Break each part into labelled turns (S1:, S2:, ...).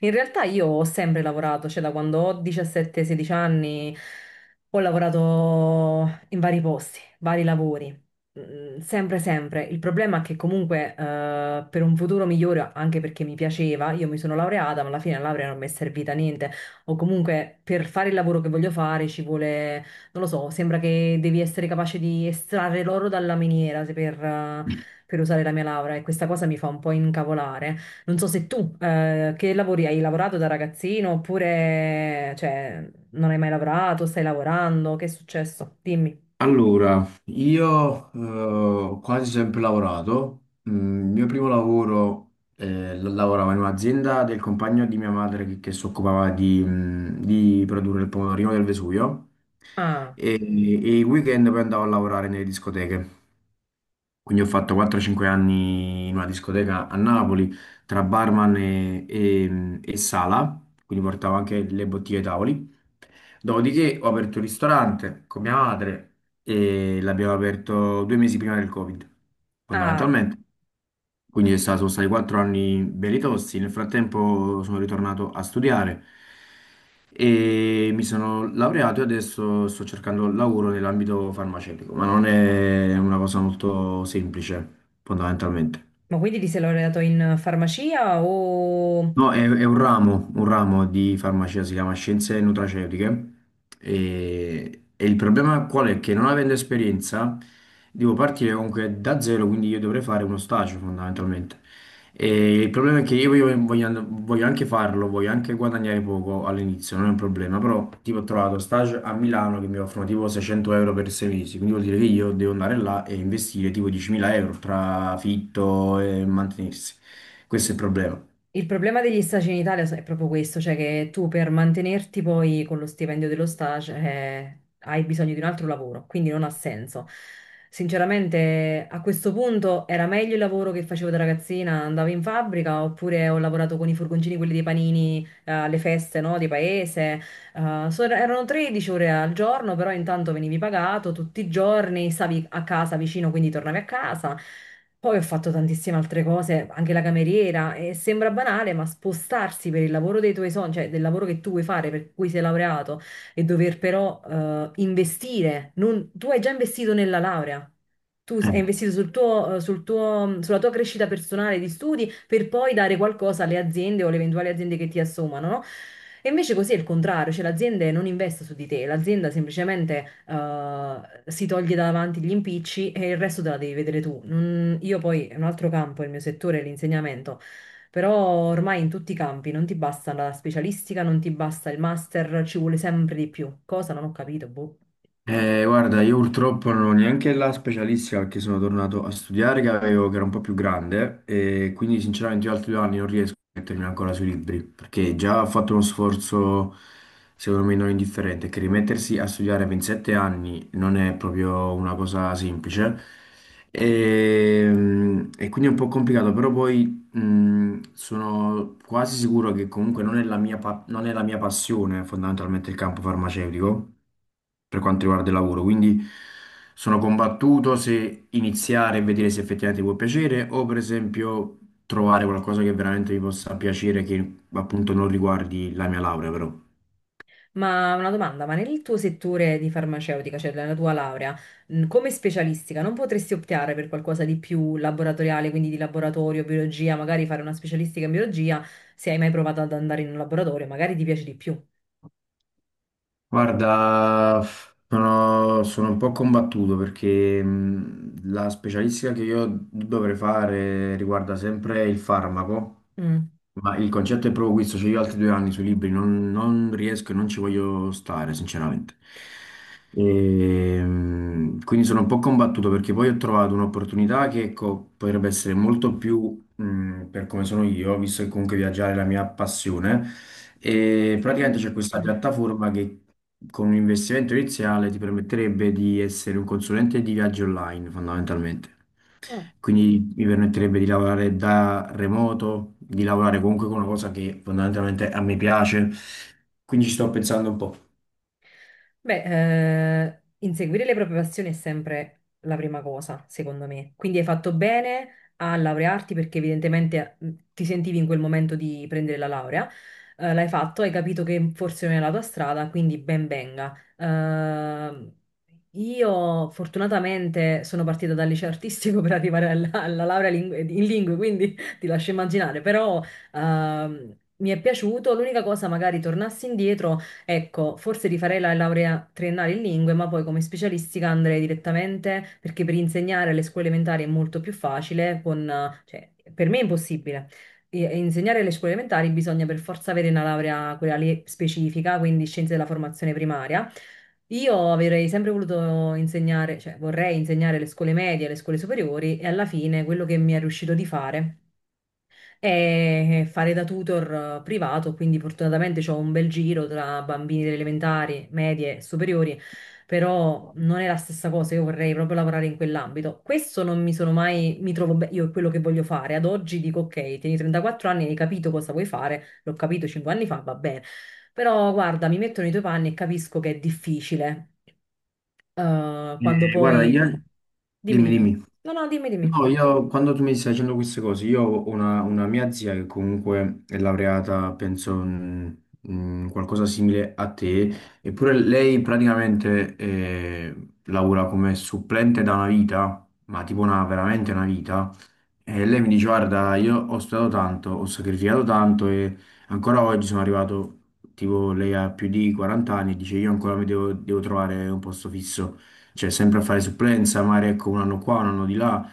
S1: In realtà io ho sempre lavorato, cioè da quando ho 17-16 anni ho lavorato in vari posti, vari lavori, sempre, sempre. Il problema è che comunque per un futuro migliore, anche perché mi piaceva, io mi sono laureata, ma alla fine la laurea non mi è servita a niente. O comunque per fare il lavoro che voglio fare ci vuole, non lo so, sembra che devi essere capace di estrarre l'oro dalla miniera se per per usare la mia laurea e questa cosa mi fa un po' incavolare. Non so se tu che lavori hai lavorato da ragazzino oppure cioè, non hai mai lavorato, stai lavorando, che è successo? Dimmi.
S2: Allora, io ho quasi sempre lavorato. Mm, il mio primo lavoro lavoravo in un'azienda del compagno di mia madre che si occupava di produrre il pomodorino del Vesuvio
S1: Ah,
S2: e i weekend poi andavo a lavorare nelle discoteche. Quindi ho fatto 4-5 anni in una discoteca a Napoli tra barman e sala, quindi portavo anche le bottiglie ai tavoli. Dopodiché ho aperto un ristorante con mia madre e l'abbiamo aperto 2 mesi prima del Covid,
S1: ah,
S2: fondamentalmente. Quindi sono stati 4 anni belli tosti. Nel frattempo sono ritornato a studiare e mi sono laureato e adesso sto cercando lavoro nell'ambito farmaceutico, ma non è una cosa molto semplice, fondamentalmente.
S1: ma quindi ti sei laureato in farmacia o?
S2: No, è un ramo di farmacia, si chiama scienze nutraceutiche e il problema qual è? Che non avendo esperienza devo partire comunque da zero, quindi io dovrei fare uno stage fondamentalmente. E il problema è che io voglio anche farlo, voglio anche guadagnare poco all'inizio, non è un problema, però tipo ho trovato stage a Milano che mi offrono tipo 600 euro per 6 mesi, quindi vuol dire che io devo andare là e investire tipo 10.000 euro tra affitto e mantenersi. Questo è il problema.
S1: Il problema degli stage in Italia è proprio questo, cioè che tu per mantenerti poi con lo stipendio dello stage hai bisogno di un altro lavoro, quindi non ha senso. Sinceramente, a questo punto era meglio il lavoro che facevo da ragazzina, andavo in fabbrica oppure ho lavorato con i furgoncini, quelli dei panini, alle feste, no, di paese. Erano 13 ore al giorno, però intanto venivi pagato tutti i giorni, stavi a casa vicino, quindi tornavi a casa. Poi ho fatto tantissime altre cose, anche la cameriera, e sembra banale, ma spostarsi per il lavoro dei tuoi sogni, cioè del lavoro che tu vuoi fare, per cui sei laureato, e dover però investire, tu hai già investito nella laurea. Tu hai investito sulla tua crescita personale di studi per poi dare qualcosa alle aziende o alle eventuali aziende che ti assommano, no? E invece così è il contrario, cioè l'azienda non investe su di te, l'azienda semplicemente si toglie davanti gli impicci e il resto te la devi vedere tu. Io poi, è un altro campo, il mio settore è l'insegnamento, però ormai in tutti i campi non ti basta la specialistica, non ti basta il master, ci vuole sempre di più. Cosa? Non ho capito, boh.
S2: Guarda, io purtroppo non ho neanche la specialistica perché sono tornato a studiare che era un po' più grande e quindi sinceramente io altri 2 anni non riesco a mettermi ancora sui libri perché già ho fatto uno sforzo secondo me non indifferente, che rimettersi a studiare per 7 anni non è proprio una cosa semplice e, e quindi è un po' complicato, però poi sono quasi sicuro che comunque non è la mia pa- non è la mia passione fondamentalmente il campo farmaceutico per quanto riguarda il lavoro. Quindi sono combattuto se iniziare e vedere se effettivamente può piacere o per esempio trovare qualcosa che veramente mi possa piacere che appunto non riguardi la mia laurea però.
S1: Ma una domanda, ma nel tuo settore di farmaceutica, cioè nella tua laurea, come specialistica, non potresti optare per qualcosa di più laboratoriale, quindi di laboratorio, biologia, magari fare una specialistica in biologia, se hai mai provato ad andare in un laboratorio, magari ti piace di più.
S2: Guarda, sono un po' combattuto perché la specialistica che io dovrei fare riguarda sempre il farmaco.
S1: Mm.
S2: Ma il concetto è proprio questo, cioè io altri 2 anni sui libri non riesco e non ci voglio stare, sinceramente. Quindi sono un po' combattuto perché poi ho trovato un'opportunità che ecco, potrebbe essere molto più per come sono io, visto che comunque viaggiare è la mia passione. E praticamente c'è questa piattaforma che con un investimento iniziale ti permetterebbe di essere un consulente di viaggio online, fondamentalmente.
S1: Mm.
S2: Quindi mi permetterebbe di lavorare da remoto, di lavorare comunque con una cosa che fondamentalmente a me piace. Quindi ci sto pensando un po'.
S1: Beh, inseguire le proprie passioni è sempre la prima cosa, secondo me. Quindi hai fatto bene a laurearti perché evidentemente ti sentivi in quel momento di prendere la laurea. L'hai fatto, hai capito che forse non è la tua strada, quindi ben venga. Io fortunatamente sono partita dal liceo artistico per arrivare alla laurea in lingue, quindi ti lascio immaginare, però mi è piaciuto. L'unica cosa, magari tornassi indietro. Ecco, forse rifarei la laurea triennale in lingue, ma poi come specialistica andrei direttamente perché per insegnare alle scuole elementari è molto più facile, cioè, per me è impossibile. E insegnare alle scuole elementari bisogna per forza avere una laurea quella lì specifica, quindi scienze della formazione primaria. Io avrei sempre voluto insegnare, cioè vorrei insegnare alle scuole medie, alle scuole superiori e alla fine quello che mi è riuscito di fare e fare da tutor privato, quindi fortunatamente ho un bel giro tra bambini delle elementari, medie e superiori, però non è la stessa cosa, io vorrei proprio lavorare in quell'ambito. Questo non mi sono mai, mi trovo bene, io è quello che voglio fare, ad oggi dico ok, tieni 34 anni, hai capito cosa vuoi fare, l'ho capito 5 anni fa, va bene, però guarda, mi metto nei tuoi panni e capisco che è difficile, quando
S2: Guarda,
S1: poi.
S2: io...
S1: Dimmi,
S2: Dimmi,
S1: dimmi.
S2: dimmi.
S1: No, no, dimmi,
S2: No,
S1: dimmi.
S2: io quando tu mi stai dicendo queste cose, io ho una mia zia che comunque è laureata, penso, in qualcosa simile a te, eppure lei praticamente lavora come supplente da una vita, ma tipo una, veramente una vita, e lei mi dice, guarda, io ho studiato tanto, ho sacrificato tanto e ancora oggi sono arrivato, tipo, lei ha più di 40 anni e dice, io ancora mi devo trovare un posto fisso, cioè sempre a fare supplenza, magari ecco un anno qua, un anno di là.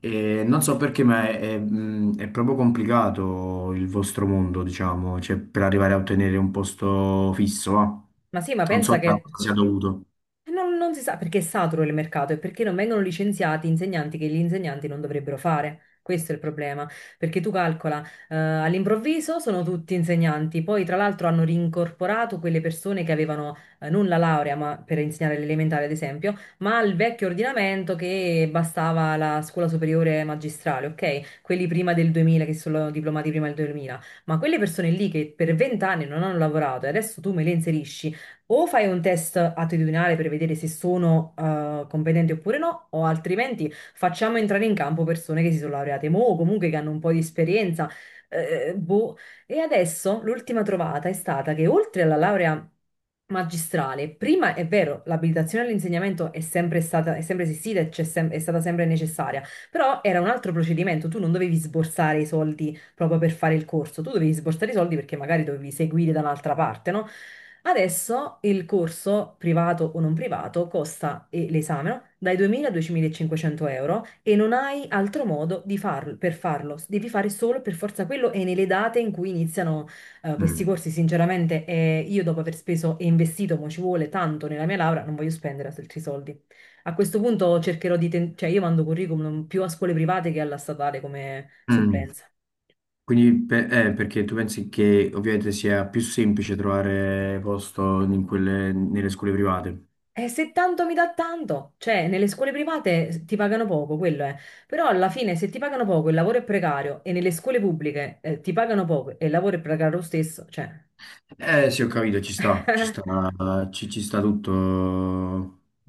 S2: E non so perché, ma è proprio complicato il vostro mondo, diciamo, cioè per arrivare a ottenere un posto fisso, va.
S1: Ma sì, ma
S2: Non so
S1: pensa
S2: da
S1: che.
S2: cosa sia dovuto.
S1: E non si sa perché è saturo il mercato e perché non vengono licenziati insegnanti che gli insegnanti non dovrebbero fare. Questo è il problema, perché tu calcola, all'improvviso sono tutti insegnanti, poi tra l'altro hanno rincorporato quelle persone che avevano non la laurea, ma per insegnare l'elementare ad esempio, ma il vecchio ordinamento che bastava la scuola superiore magistrale, ok? Quelli prima del 2000 che sono diplomati prima del 2000, ma quelle persone lì che per vent'anni non hanno lavorato e adesso tu me le inserisci o fai un test attitudinale per vedere se sono competenti oppure no, o altrimenti facciamo entrare in campo persone che si sono laureate mo, o comunque che hanno un po' di esperienza. Boh. E adesso l'ultima trovata è stata che oltre alla laurea magistrale, prima è vero, l'abilitazione all'insegnamento è sempre stata, è sempre esistita e è stata sempre necessaria, però era un altro procedimento, tu non dovevi sborsare i soldi proprio per fare il corso. Tu dovevi sborsare i soldi perché magari dovevi seguire da un'altra parte, no? Adesso il corso, privato o non privato, costa, e l'esame, no? Dai 2.000 a 2.500 € e non hai altro modo di farlo, per farlo. Devi fare solo per forza quello e nelle date in cui iniziano questi
S2: Mm.
S1: corsi. Sinceramente, io dopo aver speso e investito, mo ci vuole tanto nella mia laurea, non voglio spendere altri soldi. A questo punto cercherò di, cioè, io mando curriculum più a scuole private che alla statale come
S2: Mm.
S1: supplenza.
S2: Perché tu pensi che ovviamente sia più semplice trovare posto nelle scuole private?
S1: E se tanto mi dà tanto, cioè nelle scuole private ti pagano poco, quello è. Però alla fine se ti pagano poco e il lavoro è precario e nelle scuole pubbliche ti pagano poco e il lavoro è precario lo stesso, cioè.
S2: Eh sì, ho capito, ci sta, ci sta, ci sta tutto,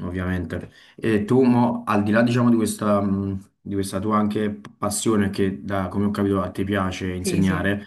S2: ovviamente. E tu, mo, al di là, diciamo, di questa tua anche passione che, come ho capito, a te piace
S1: Sì, sì.
S2: insegnare,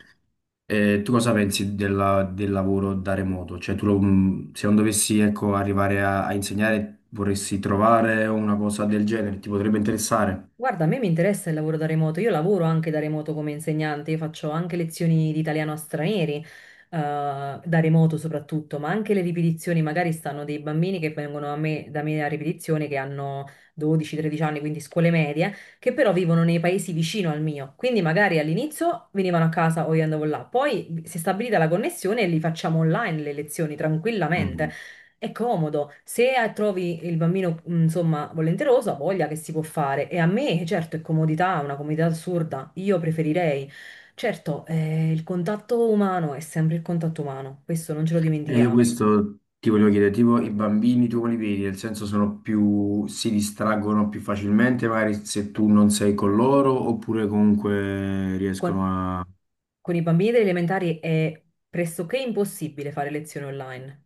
S2: tu cosa pensi del lavoro da remoto? Cioè, se non dovessi, ecco, arrivare a insegnare, vorresti trovare una cosa del genere? Ti potrebbe interessare?
S1: Guarda, a me mi interessa il lavoro da remoto, io lavoro anche da remoto come insegnante, io faccio anche lezioni di italiano a stranieri, da remoto soprattutto, ma anche le ripetizioni, magari stanno dei bambini che vengono a me, da me a ripetizione che hanno 12-13 anni, quindi scuole medie, che però vivono nei paesi vicino al mio, quindi magari all'inizio venivano a casa o io andavo là, poi si è stabilita la connessione e li facciamo online le lezioni tranquillamente. È comodo, se trovi il bambino, insomma, volenteroso, ha voglia che si può fare. E a me, certo, è comodità, una comodità assurda, io preferirei. Certo, il contatto umano è sempre il contatto umano, questo non ce lo
S2: E io
S1: dimentichiamo.
S2: questo ti volevo chiedere, tipo i bambini tu come li vedi? Nel senso sono più, si distraggono più facilmente magari se tu non sei con loro oppure comunque
S1: Con-
S2: riescono.
S1: Con i bambini delle elementari è pressoché impossibile fare lezioni online.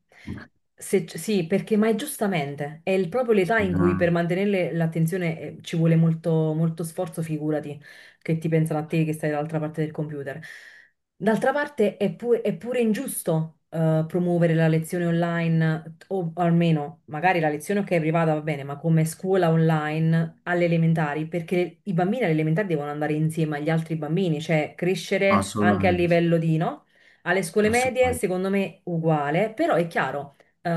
S1: Sì, perché, ma è giustamente, proprio l'età in cui per
S2: No,
S1: mantenere l'attenzione ci vuole molto, molto sforzo, figurati, che ti pensano a te che stai dall'altra parte del computer. D'altra parte è pure ingiusto promuovere la lezione online o almeno magari la lezione ok è privata va bene, ma come scuola online alle elementari, perché i bambini alle elementari devono andare insieme agli altri bambini, cioè crescere anche a
S2: assolutamente,
S1: livello di, no? Alle scuole medie,
S2: assolutamente.
S1: secondo me, uguale, però è chiaro,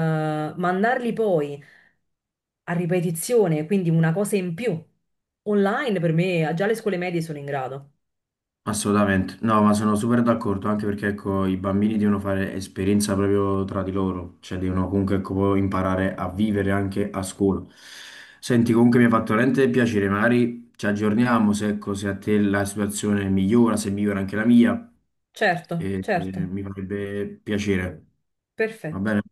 S1: mandarli poi a ripetizione, quindi una cosa in più, online per me, già le scuole medie sono in grado.
S2: Assolutamente, no, ma sono super d'accordo, anche perché ecco, i bambini devono fare esperienza proprio tra di loro, cioè devono comunque ecco, poi imparare a vivere anche a scuola. Senti, comunque mi ha fatto veramente piacere, magari ci aggiorniamo se, ecco, se a te la situazione migliora, se migliora anche la mia,
S1: Certo,
S2: e
S1: certo,
S2: mi farebbe piacere, va
S1: perfetto.
S2: bene?